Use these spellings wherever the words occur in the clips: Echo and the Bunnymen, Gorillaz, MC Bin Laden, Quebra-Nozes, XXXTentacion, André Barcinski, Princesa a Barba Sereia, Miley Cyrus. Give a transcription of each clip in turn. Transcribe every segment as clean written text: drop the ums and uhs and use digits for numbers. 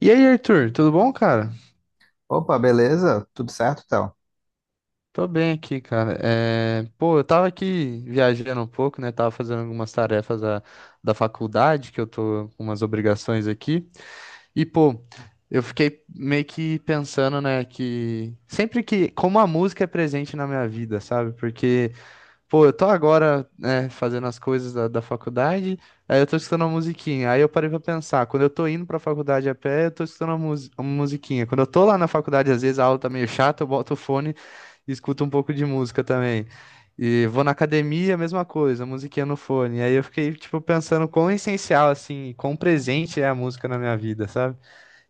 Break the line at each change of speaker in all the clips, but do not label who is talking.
E aí, Arthur, tudo bom, cara?
Opa, beleza? Tudo certo, Théo?
Tô bem aqui, cara. Eu tava aqui viajando um pouco, né? Tava fazendo algumas tarefas da faculdade, que eu tô com umas obrigações aqui. E, pô, eu fiquei meio que pensando, né, que sempre que, como a música é presente na minha vida, sabe? Porque eu tô agora, né, fazendo as coisas da faculdade, aí eu tô escutando uma musiquinha. Aí eu parei pra pensar, quando eu tô indo pra faculdade a pé, eu tô escutando uma musiquinha. Quando eu tô lá na faculdade, às vezes a aula tá meio chata, eu boto o fone e escuto um pouco de música também. E vou na academia, mesma coisa, musiquinha no fone. Aí eu fiquei, tipo, pensando quão essencial, assim, quão presente é a música na minha vida, sabe?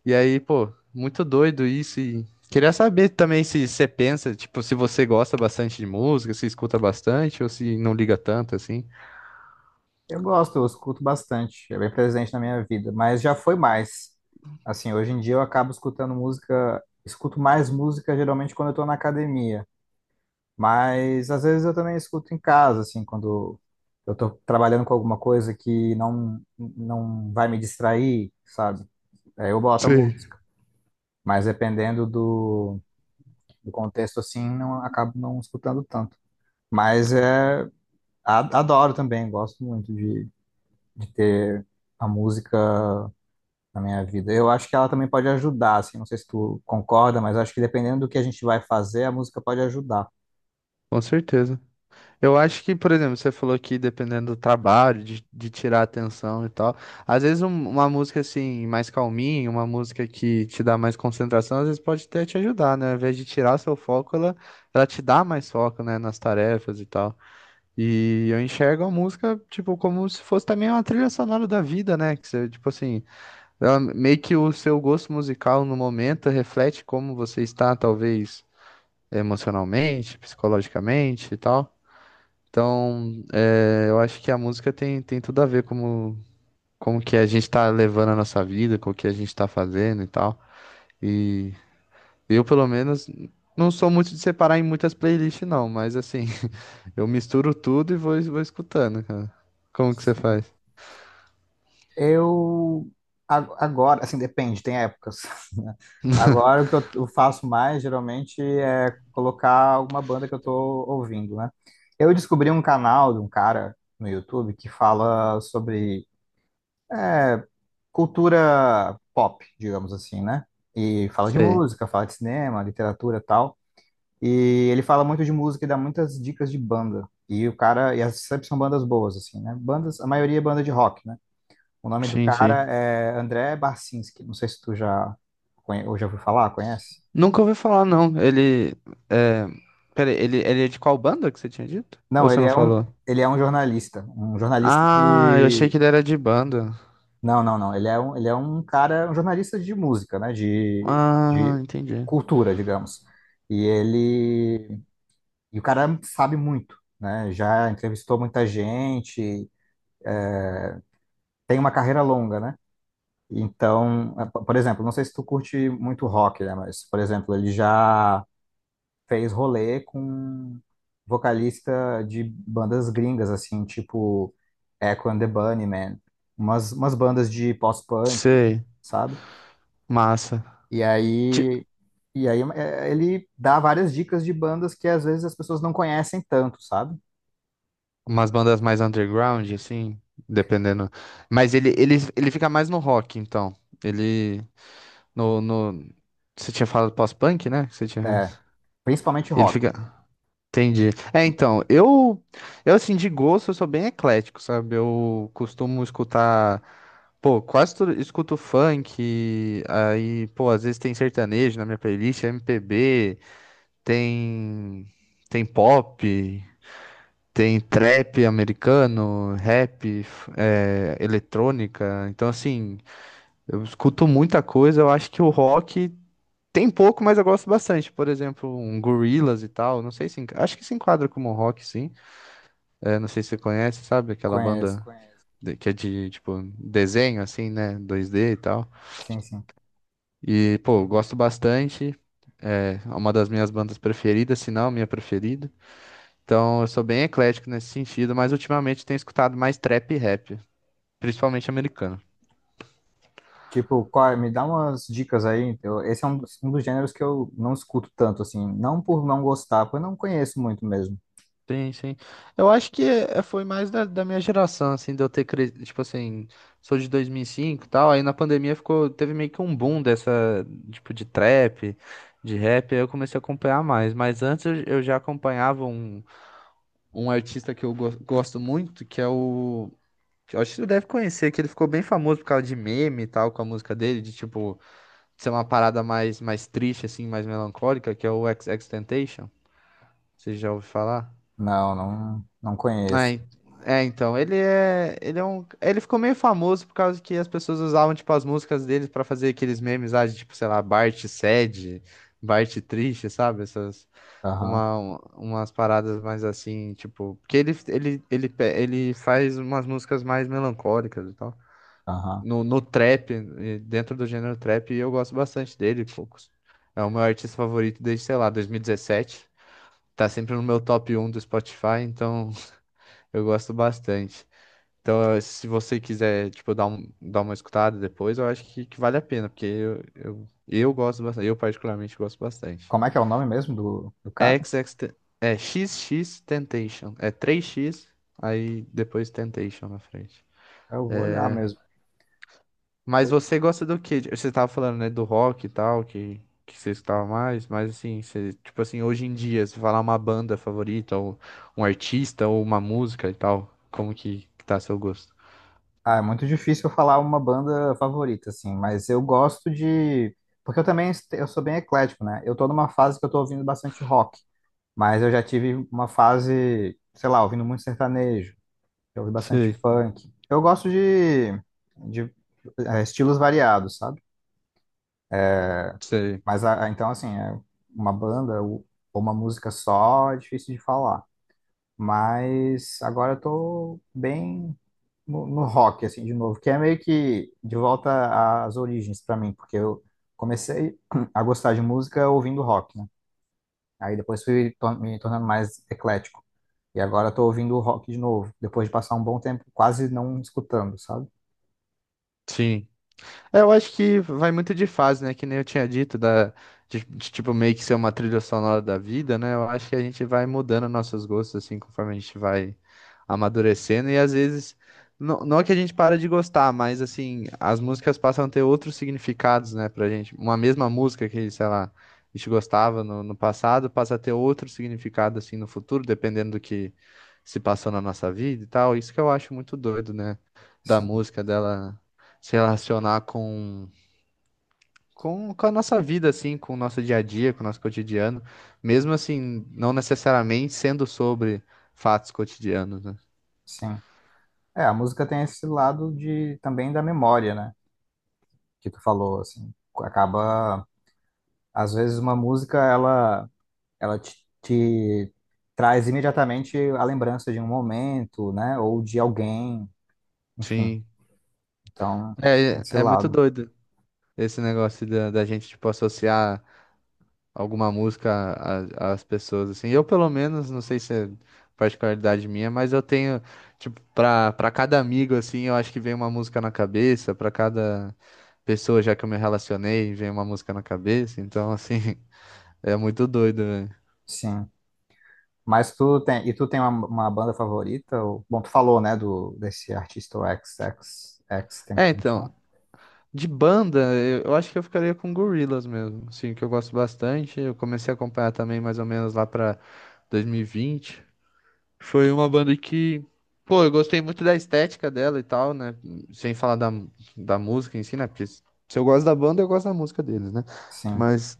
E aí, pô, muito doido isso. E queria saber também se você pensa, tipo, se você gosta bastante de música, se escuta bastante ou se não liga tanto assim.
Eu gosto, eu escuto bastante, é bem presente na minha vida, mas já foi mais. Assim, hoje em dia eu acabo escutando música, escuto mais música geralmente quando eu tô na academia, mas às vezes eu também escuto em casa, assim, quando eu tô trabalhando com alguma coisa que não vai me distrair, sabe? Aí eu boto a
Sei.
música, mas dependendo do, do contexto, assim, não acabo não escutando tanto. Mas é, a- adoro também, gosto muito de ter a música na minha vida. Eu acho que ela também pode ajudar, assim, não sei se tu concorda, mas acho que dependendo do que a gente vai fazer, a música pode ajudar.
Com certeza. Eu acho que, por exemplo, você falou que dependendo do trabalho, de tirar a atenção e tal, às vezes uma música assim, mais calminha, uma música que te dá mais concentração, às vezes pode até te ajudar, né? Ao invés de tirar seu foco, ela te dá mais foco, né, nas tarefas e tal. E eu enxergo a música, tipo, como se fosse também uma trilha sonora da vida, né? Que você, tipo assim, meio que o seu gosto musical no momento reflete como você está, talvez, emocionalmente, psicologicamente e tal. Então, é, eu acho que a música tem tudo a ver como, como que a gente está levando a nossa vida, com o que a gente está fazendo e tal. E eu, pelo menos, não sou muito de separar em muitas playlists, não, mas assim. Eu misturo tudo e vou escutando, cara. Como que você faz?
Eu a- agora, assim, depende, tem épocas. Né? Agora o que eu faço mais geralmente é colocar alguma banda que eu tô ouvindo, né? Eu descobri um canal de um cara no YouTube que fala sobre é, cultura pop, digamos assim, né? E fala de
Sei.
música, fala de cinema, literatura, e tal. E ele fala muito de música e dá muitas dicas de banda. E o cara, e as sempre são bandas boas, assim, né? Bandas, a maioria é banda de rock, né? O nome do
Sim, sim.
cara é André Barcinski. Não sei se tu já, conhe- ou já ouviu falar, conhece?
Nunca ouvi falar, não. Ele. É... Peraí, ele é de qual banda que você tinha dito? Ou
Não,
você não falou?
ele é um jornalista. Um jornalista
Ah, eu achei
de.
que ele era de banda.
Não, não, não. Ele é um cara, um jornalista de música, né?
Ah,
De
entendi.
cultura, digamos. E ele. E o cara sabe muito, né? Já entrevistou muita gente, tem uma carreira longa, né? Então, é, po- por exemplo, não sei se tu curte muito rock, né? Mas, por exemplo, ele já fez rolê com vocalista de bandas gringas, assim, tipo Echo and the Bunnymen, umas, umas bandas de post-punk,
Sei.
sabe?
Massa.
E
Ti-
aí, e aí é, ele dá várias dicas de bandas que às vezes as pessoas não conhecem tanto, sabe?
Umas bandas mais underground, assim, dependendo. Mas ele fica mais no rock, então. Ele. No... Você tinha falado pós-punk, né? Que você tinha.
É, principalmente
Ele
rock.
fica. Entendi. É, então, eu assim, de gosto, eu sou bem eclético, sabe? Eu costumo escutar, pô, quase tudo, escuto funk, aí, pô, às vezes tem sertanejo na minha playlist, MPB, tem, tem pop, tem trap americano, é, eletrônica. Então, assim, eu escuto muita coisa, eu acho que o rock tem pouco, mas eu gosto bastante. Por exemplo, um Gorillaz e tal, não sei se, enca- acho que se enquadra como rock, sim. É, não sei se você conhece, sabe? Aquela
Conheço.
banda que é de, tipo, desenho, assim, né? 2D e tal.
Sim, sim.
E, pô, eu gosto bastante. É uma das minhas bandas preferidas, se não a minha preferida. Então, eu sou bem eclético nesse sentido, mas ultimamente tenho escutado mais trap e rap, principalmente americano.
Tipo, qual- me dá umas dicas aí. Eu- esse é um dos gêneros que eu não escuto tanto, assim. Não por não gostar, porque eu não conheço muito mesmo.
Sim, sim. Eu acho que foi mais da minha geração, assim, de eu ter crescido, tipo assim, sou de 2005 e tal, aí na pandemia ficou, teve meio que um boom dessa, tipo, de trap, de rap, aí eu comecei a acompanhar mais, mas antes eu já acompanhava um, um artista que eu gosto muito, que é o, que eu acho que você deve conhecer, que ele ficou bem famoso por causa de meme e tal, com a música dele, de, tipo, ser uma parada mais, mais triste, assim, mais melancólica, que é o XXXTentacion, você já ouviu falar?
Não, não, não
É,
conheço.
en- é, então, ele é um, ele ficou meio famoso por causa que as pessoas usavam, tipo, as músicas dele pra fazer aqueles memes, ah, de, tipo, sei lá, Bart sad, Bart triste, sabe? Essas,
Aham,
umas paradas mais assim, tipo, porque ele, ele faz umas músicas mais melancólicas e tal.
aham.
No trap, dentro do gênero trap, eu gosto bastante dele, poucos. É o meu artista favorito desde, sei lá, 2017. Tá sempre no meu top um do Spotify, então eu gosto bastante. Então, se você quiser, tipo, dar uma escutada depois, eu acho que vale a pena, porque eu gosto bastante, eu particularmente gosto bastante.
Como é que é o nome mesmo do, do cara?
É x x Temptation, é três x aí depois Temptation na frente.
Eu vou olhar mesmo.
Mas você gosta do quê? Você tava falando, né, do rock e tal, que você escutava mais, mas assim, você, tipo assim, hoje em dia, se falar uma banda favorita, ou um artista, ou uma música e tal, como que tá seu gosto?
Ah, é muito difícil eu falar uma banda favorita, assim, mas eu gosto de. Porque eu também est- eu sou bem eclético, né? Eu tô numa fase que eu tô ouvindo bastante rock, mas eu já tive uma fase, sei lá, ouvindo muito sertanejo. Eu ouvi bastante
Sei.
funk. Eu gosto de é, estilos variados, sabe?
Você,
Mas a- então, assim, é uma banda ou uma música só é difícil de falar. Mas agora eu tô bem no, no rock, assim, de novo, que é meio que de volta às origens pra mim, porque eu comecei a gostar de música ouvindo rock, né? Aí depois fui to- me tornando mais eclético. E agora eu tô ouvindo rock de novo, depois de passar um bom tempo quase não escutando, sabe?
sim. É, eu acho que vai muito de fase, né? Que nem eu tinha dito, de, tipo, meio que ser uma trilha sonora da vida, né? Eu acho que a gente vai mudando nossos gostos, assim, conforme a gente vai amadurecendo. E às vezes, não é que a gente para de gostar, mas, assim, as músicas passam a ter outros significados, né, pra gente. Uma mesma música que, sei lá, a gente gostava no passado, passa a ter outro significado, assim, no futuro, dependendo do que se passou na nossa vida e tal. Isso que eu acho muito doido, né? Da
Sim,
música dela se relacionar com a nossa vida, assim, com o nosso dia a dia, com o nosso cotidiano, mesmo assim, não necessariamente sendo sobre fatos cotidianos, né?
sim. É, a música tem esse lado de também da memória, né? Que tu falou, assim, acaba às vezes uma música ela ela te, te traz imediatamente a lembrança de um momento, né? Ou de alguém, enfim.
Sim.
Então,
É,
esse
é muito
lado,
doido esse negócio da gente, tipo, associar alguma música às pessoas, assim. Eu, pelo menos, não sei se é particularidade minha, mas eu tenho, tipo, pra cada amigo, assim, eu acho que vem uma música na cabeça, pra cada pessoa já que eu me relacionei, vem uma música na cabeça, então, assim... É muito doido, velho.
sim. Mas tu tem e tu tem uma banda favorita? Ou- Bom, tu falou, né? Do desse artista o X X XXX
É, então,
Tentacion.
de banda, eu acho que eu ficaria com Gorillaz mesmo, assim, que eu gosto bastante. Eu comecei a acompanhar também mais ou menos lá pra 2020. Foi uma banda que, pô, eu gostei muito da estética dela e tal, né? Sem falar da música em si, né? Porque se eu gosto da banda, eu gosto da música deles, né?
Sim.
Mas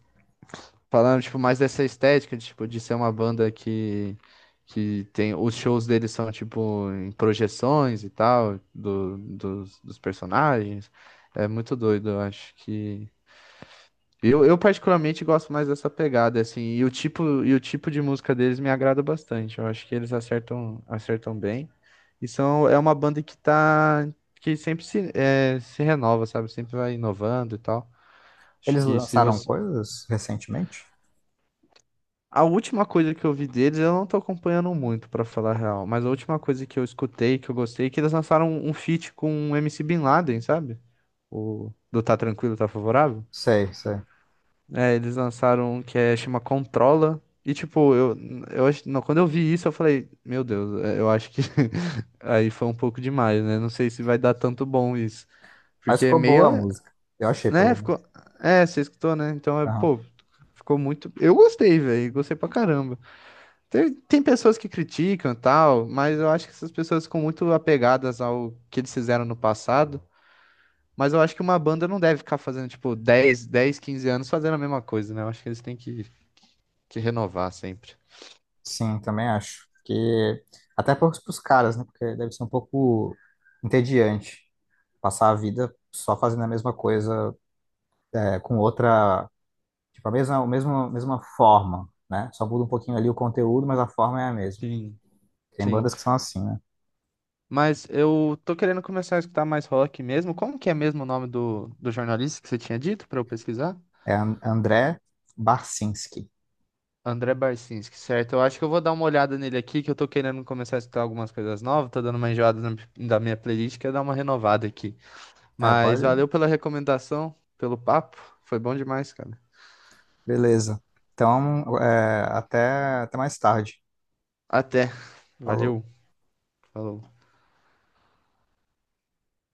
falando, tipo, mais dessa estética, de, tipo, de ser uma banda que tem... Os shows deles são, tipo, em projeções e tal, do, dos personagens. É muito doido, eu acho que... eu particularmente gosto mais dessa pegada, assim, e o tipo de música deles me agrada bastante. Eu acho que eles acertam bem. E são, é uma banda que tá... que sempre se, é, se renova, sabe? Sempre vai inovando e tal. Acho
Eles
que se
lançaram
você,
coisas recentemente?
a última coisa que eu vi deles, eu não tô acompanhando muito, pra falar a real, mas a última coisa que eu escutei, que eu gostei, é que eles lançaram um feat com o MC Bin Laden, sabe? O do Tá Tranquilo, Tá Favorável.
Sei, sei.
É, eles lançaram um que é, chama Controla. E tipo, eu acho, não, quando eu vi isso, eu falei, meu Deus, é, eu acho que aí foi um pouco demais, né? Não sei se vai dar tanto bom isso.
Mas
Porque é
ficou
meio,
boa a música. Eu achei,
né?
pelo menos.
Ficou, é, você escutou, né? Então, é,
Aham.
pô, ficou muito. Eu gostei, velho, gostei pra caramba. Tem pessoas que criticam e tal, mas eu acho que essas pessoas ficam muito apegadas ao que eles fizeram no passado. Mas eu acho que uma banda não deve ficar fazendo, tipo, dez 15 anos fazendo a mesma coisa, né? Eu acho que eles têm que renovar sempre.
Sim, também acho. Porque até para os caras, né? Porque deve ser um pouco entediante passar a vida só fazendo a mesma coisa é, com outra, tipo, a mesma, mesma forma, né? Só muda um pouquinho ali o conteúdo, mas a forma é a mesma.
Sim.
Tem
Sim.
bandas que são assim, né?
Mas eu tô querendo começar a escutar mais rock mesmo. Como que é mesmo o nome do jornalista que você tinha dito pra eu pesquisar?
É An- André Barcinski.
André Barcinski, certo? Eu acho que eu vou dar uma olhada nele aqui, que eu tô querendo começar a escutar algumas coisas novas. Tô dando uma enjoada na- da minha playlist, quero dar uma renovada aqui.
É,
Mas
pode?
valeu pela recomendação, pelo papo. Foi bom demais, cara.
Beleza. Então, é, até, até mais tarde.
Até.
Falou.
Valeu. Falou.